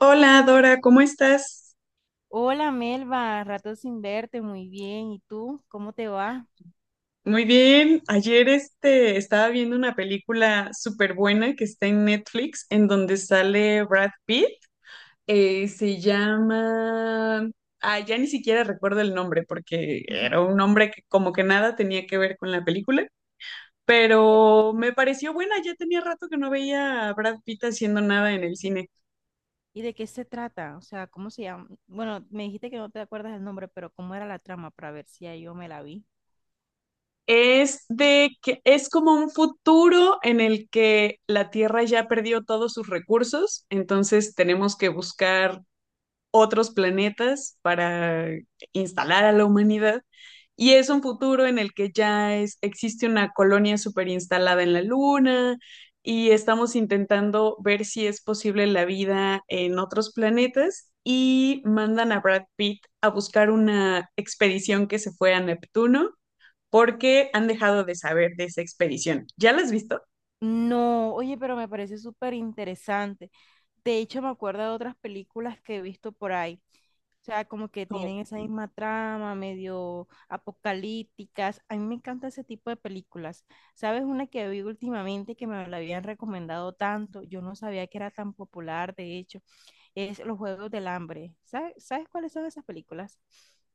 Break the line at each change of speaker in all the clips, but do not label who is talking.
Hola Dora, ¿cómo estás?
Hola Melba, rato sin verte, muy bien. ¿Y tú? ¿Cómo te va?
Muy bien. Ayer estaba viendo una película súper buena que está en Netflix, en donde sale Brad Pitt. Se llama... Ah, ya ni siquiera recuerdo el nombre porque era un nombre que como que nada tenía que ver con la película, pero me pareció buena. Ya tenía rato que no veía a Brad Pitt haciendo nada en el cine.
¿Y de qué se trata? O sea, ¿cómo se llama? Bueno, me dijiste que no te acuerdas el nombre, pero ¿cómo era la trama para ver si ya yo me la vi?
Es de que es como un futuro en el que la Tierra ya perdió todos sus recursos, entonces tenemos que buscar otros planetas para instalar a la humanidad. Y es un futuro en el que ya es, existe una colonia super instalada en la Luna y estamos intentando ver si es posible la vida en otros planetas y mandan a Brad Pitt a buscar una expedición que se fue a Neptuno porque han dejado de saber de esa expedición. ¿Ya las has visto?
No, oye, pero me parece súper interesante. De hecho, me acuerdo de otras películas que he visto por ahí. O sea, como que
Como,
tienen esa misma trama, medio apocalípticas. A mí me encanta ese tipo de películas. ¿Sabes una que vi últimamente que me la habían recomendado tanto? Yo no sabía que era tan popular, de hecho, es Los Juegos del Hambre. ¿Sabes cuáles son esas películas?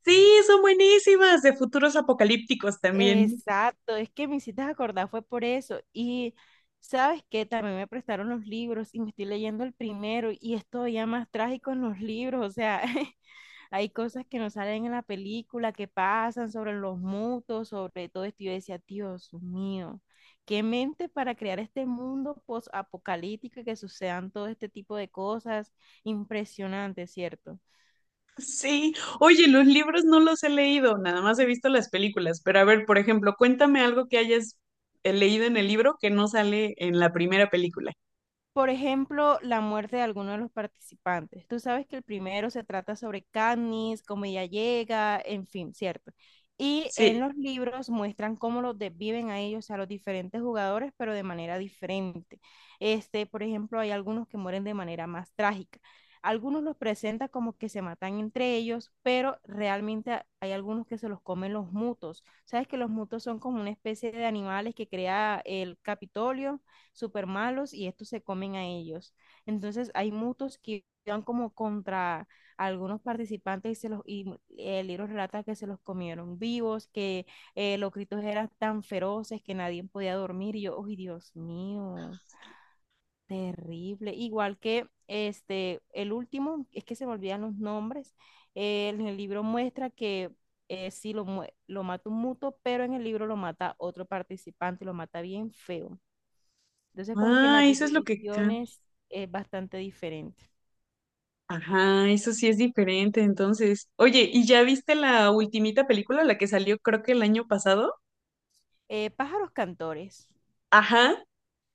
sí, son buenísimas, de futuros apocalípticos también.
Exacto, es que me hiciste acordar, fue por eso. Y sabes que también me prestaron los libros y me estoy leyendo el primero y es todavía más trágico en los libros, o sea, Hay cosas que no salen en la película, que pasan sobre los mutos, sobre todo esto. Y yo decía, Dios mío, qué mente para crear este mundo post-apocalíptico y que sucedan todo este tipo de cosas. Impresionante, ¿cierto?
Sí, oye, los libros no los he leído, nada más he visto las películas, pero a ver, por ejemplo, cuéntame algo que hayas leído en el libro que no sale en la primera película.
Por ejemplo, la muerte de alguno de los participantes. Tú sabes que el primero se trata sobre Katniss, cómo ella llega, en fin, ¿cierto? Y en
Sí.
los libros muestran cómo los desviven a ellos, a los diferentes jugadores, pero de manera diferente. Este, por ejemplo, hay algunos que mueren de manera más trágica. Algunos los presentan como que se matan entre ellos, pero realmente hay algunos que se los comen los mutos. Sabes que los mutos son como una especie de animales que crea el Capitolio súper malos y estos se comen a ellos. Entonces hay mutos que van como contra algunos participantes y se los y el libro relata que se los comieron vivos, que los gritos eran tan feroces que nadie podía dormir y yo, ¡ay, Dios mío! Terrible. Igual que este, el último, es que se me olvidan los nombres, en el libro muestra que sí lo, lo mata un muto, pero en el libro lo mata otro participante y lo mata bien feo. Entonces, como que en
Ah,
las
eso es lo que cambia.
divisiones es bastante diferente.
Ajá, eso sí es diferente, entonces. Oye, ¿y ya viste la ultimita película, la que salió creo que el año pasado?
Pájaros cantores.
Ajá.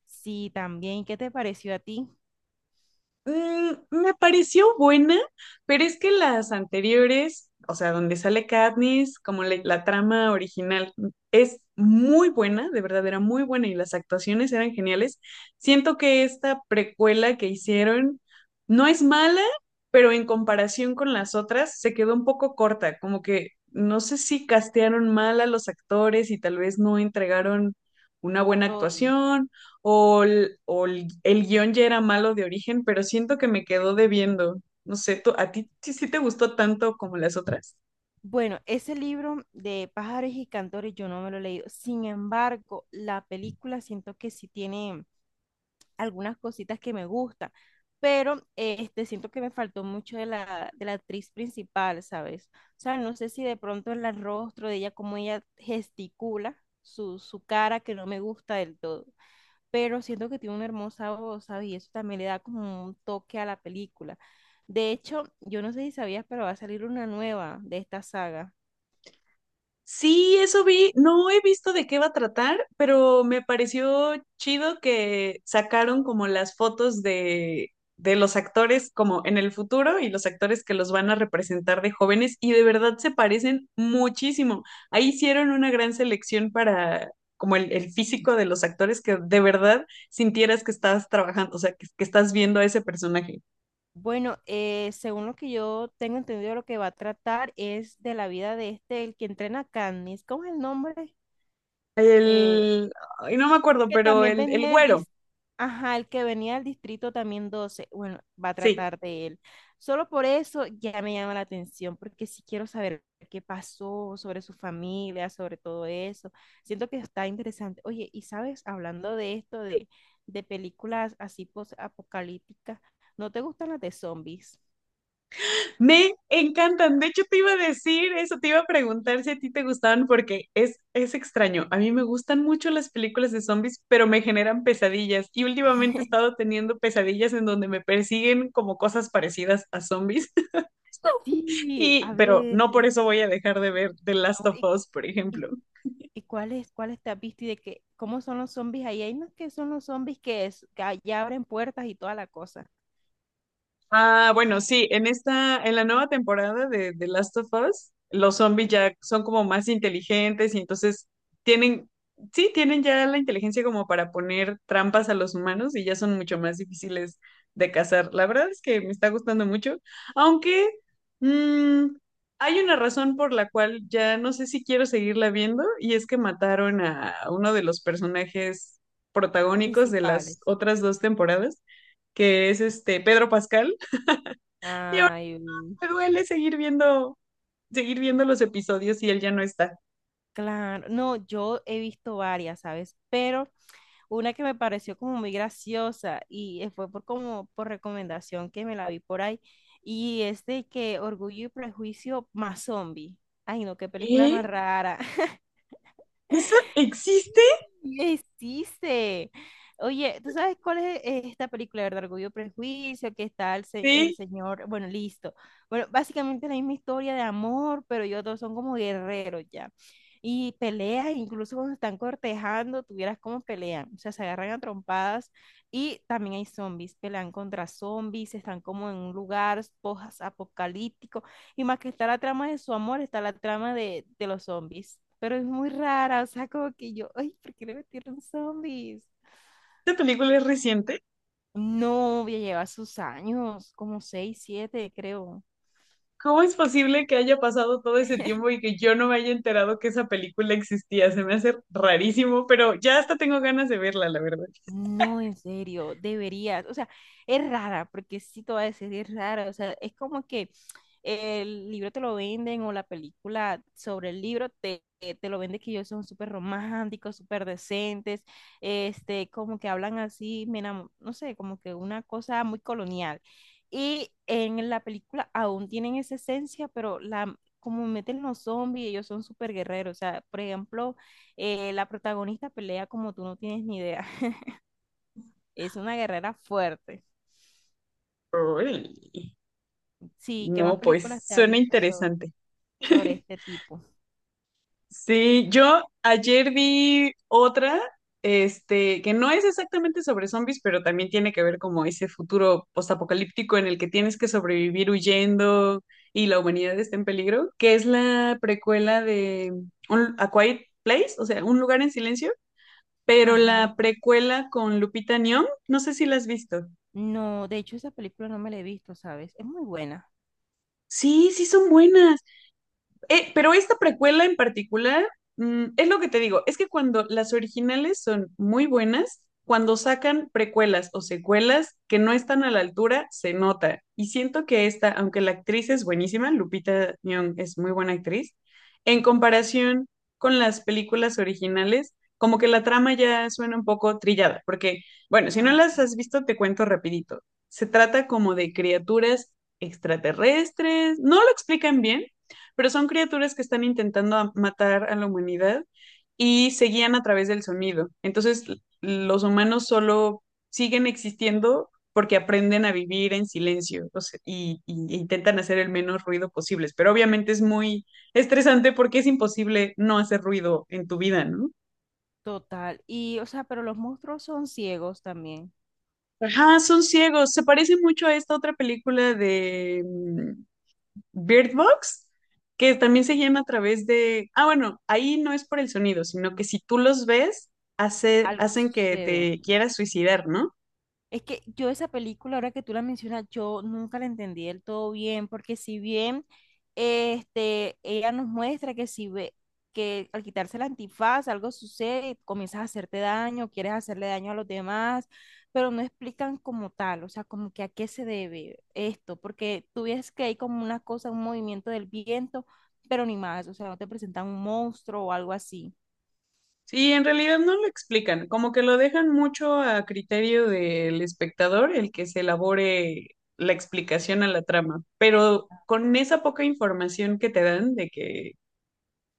Sí, también. ¿Qué te pareció a ti?
Mm, me pareció buena, pero es que las anteriores, o sea, donde sale Katniss, como la trama original, mm, es muy buena, de verdad era muy buena y las actuaciones eran geniales. Siento que esta precuela que hicieron no es mala, pero en comparación con las otras se quedó un poco corta, como que no sé si castearon mal a los actores y tal vez no entregaron una buena
Todo.
actuación o, el guión ya era malo de origen, pero siento que me quedó debiendo. No sé, ¿a ti sí te gustó tanto como las otras?
Bueno, ese libro de pájaros y cantores yo no me lo he leído. Sin embargo, la película siento que sí tiene algunas cositas que me gustan, pero este, siento que me faltó mucho de la actriz principal, ¿sabes? O sea, no sé si de pronto el rostro de ella, cómo ella gesticula su cara que no me gusta del todo. Pero siento que tiene una hermosa voz, ¿sabes? Y eso también le da como un toque a la película. De hecho, yo no sé si sabías, pero va a salir una nueva de esta saga.
Sí, eso vi. No he visto de qué va a tratar, pero me pareció chido que sacaron como las fotos de los actores como en el futuro y los actores que los van a representar de jóvenes y de verdad se parecen muchísimo. Ahí hicieron una gran selección para como el físico de los actores que de verdad sintieras que estás trabajando, o sea, que estás viendo a ese personaje.
Bueno, según lo que yo tengo entendido, lo que va a tratar es de la vida de este, el que entrena a Katniss. ¿Cómo es el nombre? Eh,
El, ay, no me
El
acuerdo,
que
pero
también
el
venía
güero,
ajá, el que venía del distrito también 12. Bueno, va a
sí.
tratar de él. Solo por eso ya me llama la atención, porque si quiero saber qué pasó sobre su familia, sobre todo eso. Siento que está interesante. Oye, y sabes, hablando de esto, de películas así post-apocalípticas, ¿no te gustan las de zombies?
Me encantan. De hecho, te iba a decir eso, te iba a preguntar si a ti te gustaban porque es extraño. A mí me gustan mucho las películas de zombies, pero me generan pesadillas. Y últimamente he estado teniendo pesadillas en donde me persiguen como cosas parecidas a zombies.
Sí,
Y,
a
pero
ver,
no por eso voy a dejar de ver The Last
no,
of Us, por
y
ejemplo.
¿y cuáles te has visto y de qué, cómo son los zombies ahí? Hay unos que son los zombies que ya abren puertas y toda la cosa,
Ah, bueno, sí, en esta, en la nueva temporada de The Last of Us, los zombies ya son como más inteligentes y entonces tienen, sí, tienen ya la inteligencia como para poner trampas a los humanos y ya son mucho más difíciles de cazar. La verdad es que me está gustando mucho, aunque mm, hay una razón por la cual ya no sé si quiero seguirla viendo y es que mataron a uno de los personajes protagónicos de las
principales.
otras dos temporadas, que es este Pedro Pascal, y ahora
Ay, mm,
me duele seguir viendo los episodios y él ya no está.
claro. No, yo he visto varias, ¿sabes? Pero una que me pareció como muy graciosa y fue por como por recomendación que me la vi por ahí. Y es de que Orgullo y Prejuicio más zombie. Ay, no, qué película más
¿Eh?
rara.
¿Eso existe?
¿Qué hiciste? Oye, ¿tú sabes cuál es esta película, verdad? Orgullo y Prejuicio, que está el
Sí,
señor, bueno, listo. Bueno, básicamente es la misma historia de amor, pero ellos dos son como guerreros ya. Y peleas, incluso cuando están cortejando, tuvieras como pelean, o sea, se agarran a trompadas y también hay zombies, pelean contra zombies, están como en un lugar post y más que está la trama de su amor, está la trama de los zombies. Pero es muy rara, o sea, como que yo, ay, ¿por qué le metieron zombies?
esta película es reciente.
No, ya lleva sus años, como seis, siete, creo.
¿Cómo es posible que haya pasado todo ese tiempo y que yo no me haya enterado que esa película existía? Se me hace rarísimo, pero ya hasta tengo ganas de verla, la verdad.
No, en serio, deberías. O sea, es rara, porque sí te voy a decir, es rara. O sea, es como que el libro te lo venden o la película sobre el libro te lo venden que ellos son súper románticos, súper decentes, este, como que hablan así, no sé, como que una cosa muy colonial. Y en la película aún tienen esa esencia, pero la, como meten los zombies, ellos son súper guerreros. O sea, por ejemplo, la protagonista pelea como tú no tienes ni idea. Es una guerrera fuerte.
Uy,
Sí, ¿qué más
no, pues
películas te has
suena
visto sobre,
interesante.
sobre este tipo?
Sí, yo ayer vi otra, que no es exactamente sobre zombies, pero también tiene que ver como ese futuro postapocalíptico en el que tienes que sobrevivir huyendo y la humanidad está en peligro, que es la precuela de A Quiet Place, o sea, Un lugar en silencio, pero
Ajá.
la precuela con Lupita Nyong'o, no sé si la has visto.
No, de hecho esa película no me la he visto, ¿sabes? Es muy buena.
Sí, sí son buenas. Pero esta precuela en particular, mm, es lo que te digo, es que cuando las originales son muy buenas, cuando sacan precuelas o secuelas que no están a la altura, se nota. Y siento que esta, aunque la actriz es buenísima, Lupita Nyong es muy buena actriz, en comparación con las películas originales, como que la trama ya suena un poco trillada, porque, bueno, si no
Ah,
las
ok.
has visto, te cuento rapidito. Se trata como de criaturas extraterrestres, no lo explican bien, pero son criaturas que están intentando matar a la humanidad y se guían a través del sonido. Entonces, los humanos solo siguen existiendo porque aprenden a vivir en silencio, o sea, e intentan hacer el menos ruido posible. Pero obviamente es muy estresante porque es imposible no hacer ruido en tu vida, ¿no?
Total. Y, o sea, pero los monstruos son ciegos también.
Ajá, son ciegos. Se parece mucho a esta otra película de mm, Bird Box, que también se guían a través de, ah, bueno, ahí no es por el sonido, sino que si tú los ves,
Algo
hacen que
sucede.
te quieras suicidar, ¿no?
Es que yo esa película, ahora que tú la mencionas, yo nunca la entendí del todo bien, porque si bien este, ella nos muestra que si ve que al quitarse el antifaz algo sucede, comienzas a hacerte daño, quieres hacerle daño a los demás, pero no explican como tal, o sea, como que a qué se debe esto, porque tú ves que hay como una cosa, un movimiento del viento, pero ni más, o sea, no te presentan un monstruo o algo así.
Sí, en realidad no lo explican, como que lo dejan mucho a criterio del espectador el que se elabore la explicación a la trama, pero con esa poca información que te dan de que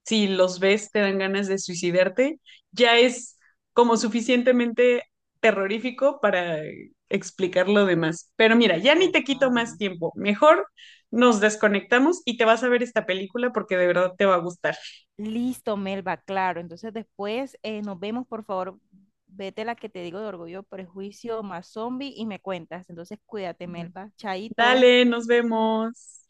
si los ves te dan ganas de suicidarte, ya es como suficientemente terrorífico para explicar lo demás. Pero mira, ya ni te quito
Total.
más tiempo. Mejor nos desconectamos y te vas a ver esta película porque de verdad te va a gustar.
Listo, Melba, claro. Entonces después nos vemos, por favor. Vete la que te digo de orgullo, prejuicio, más zombie y me cuentas. Entonces cuídate, Melba. Chaito.
Dale, nos vemos.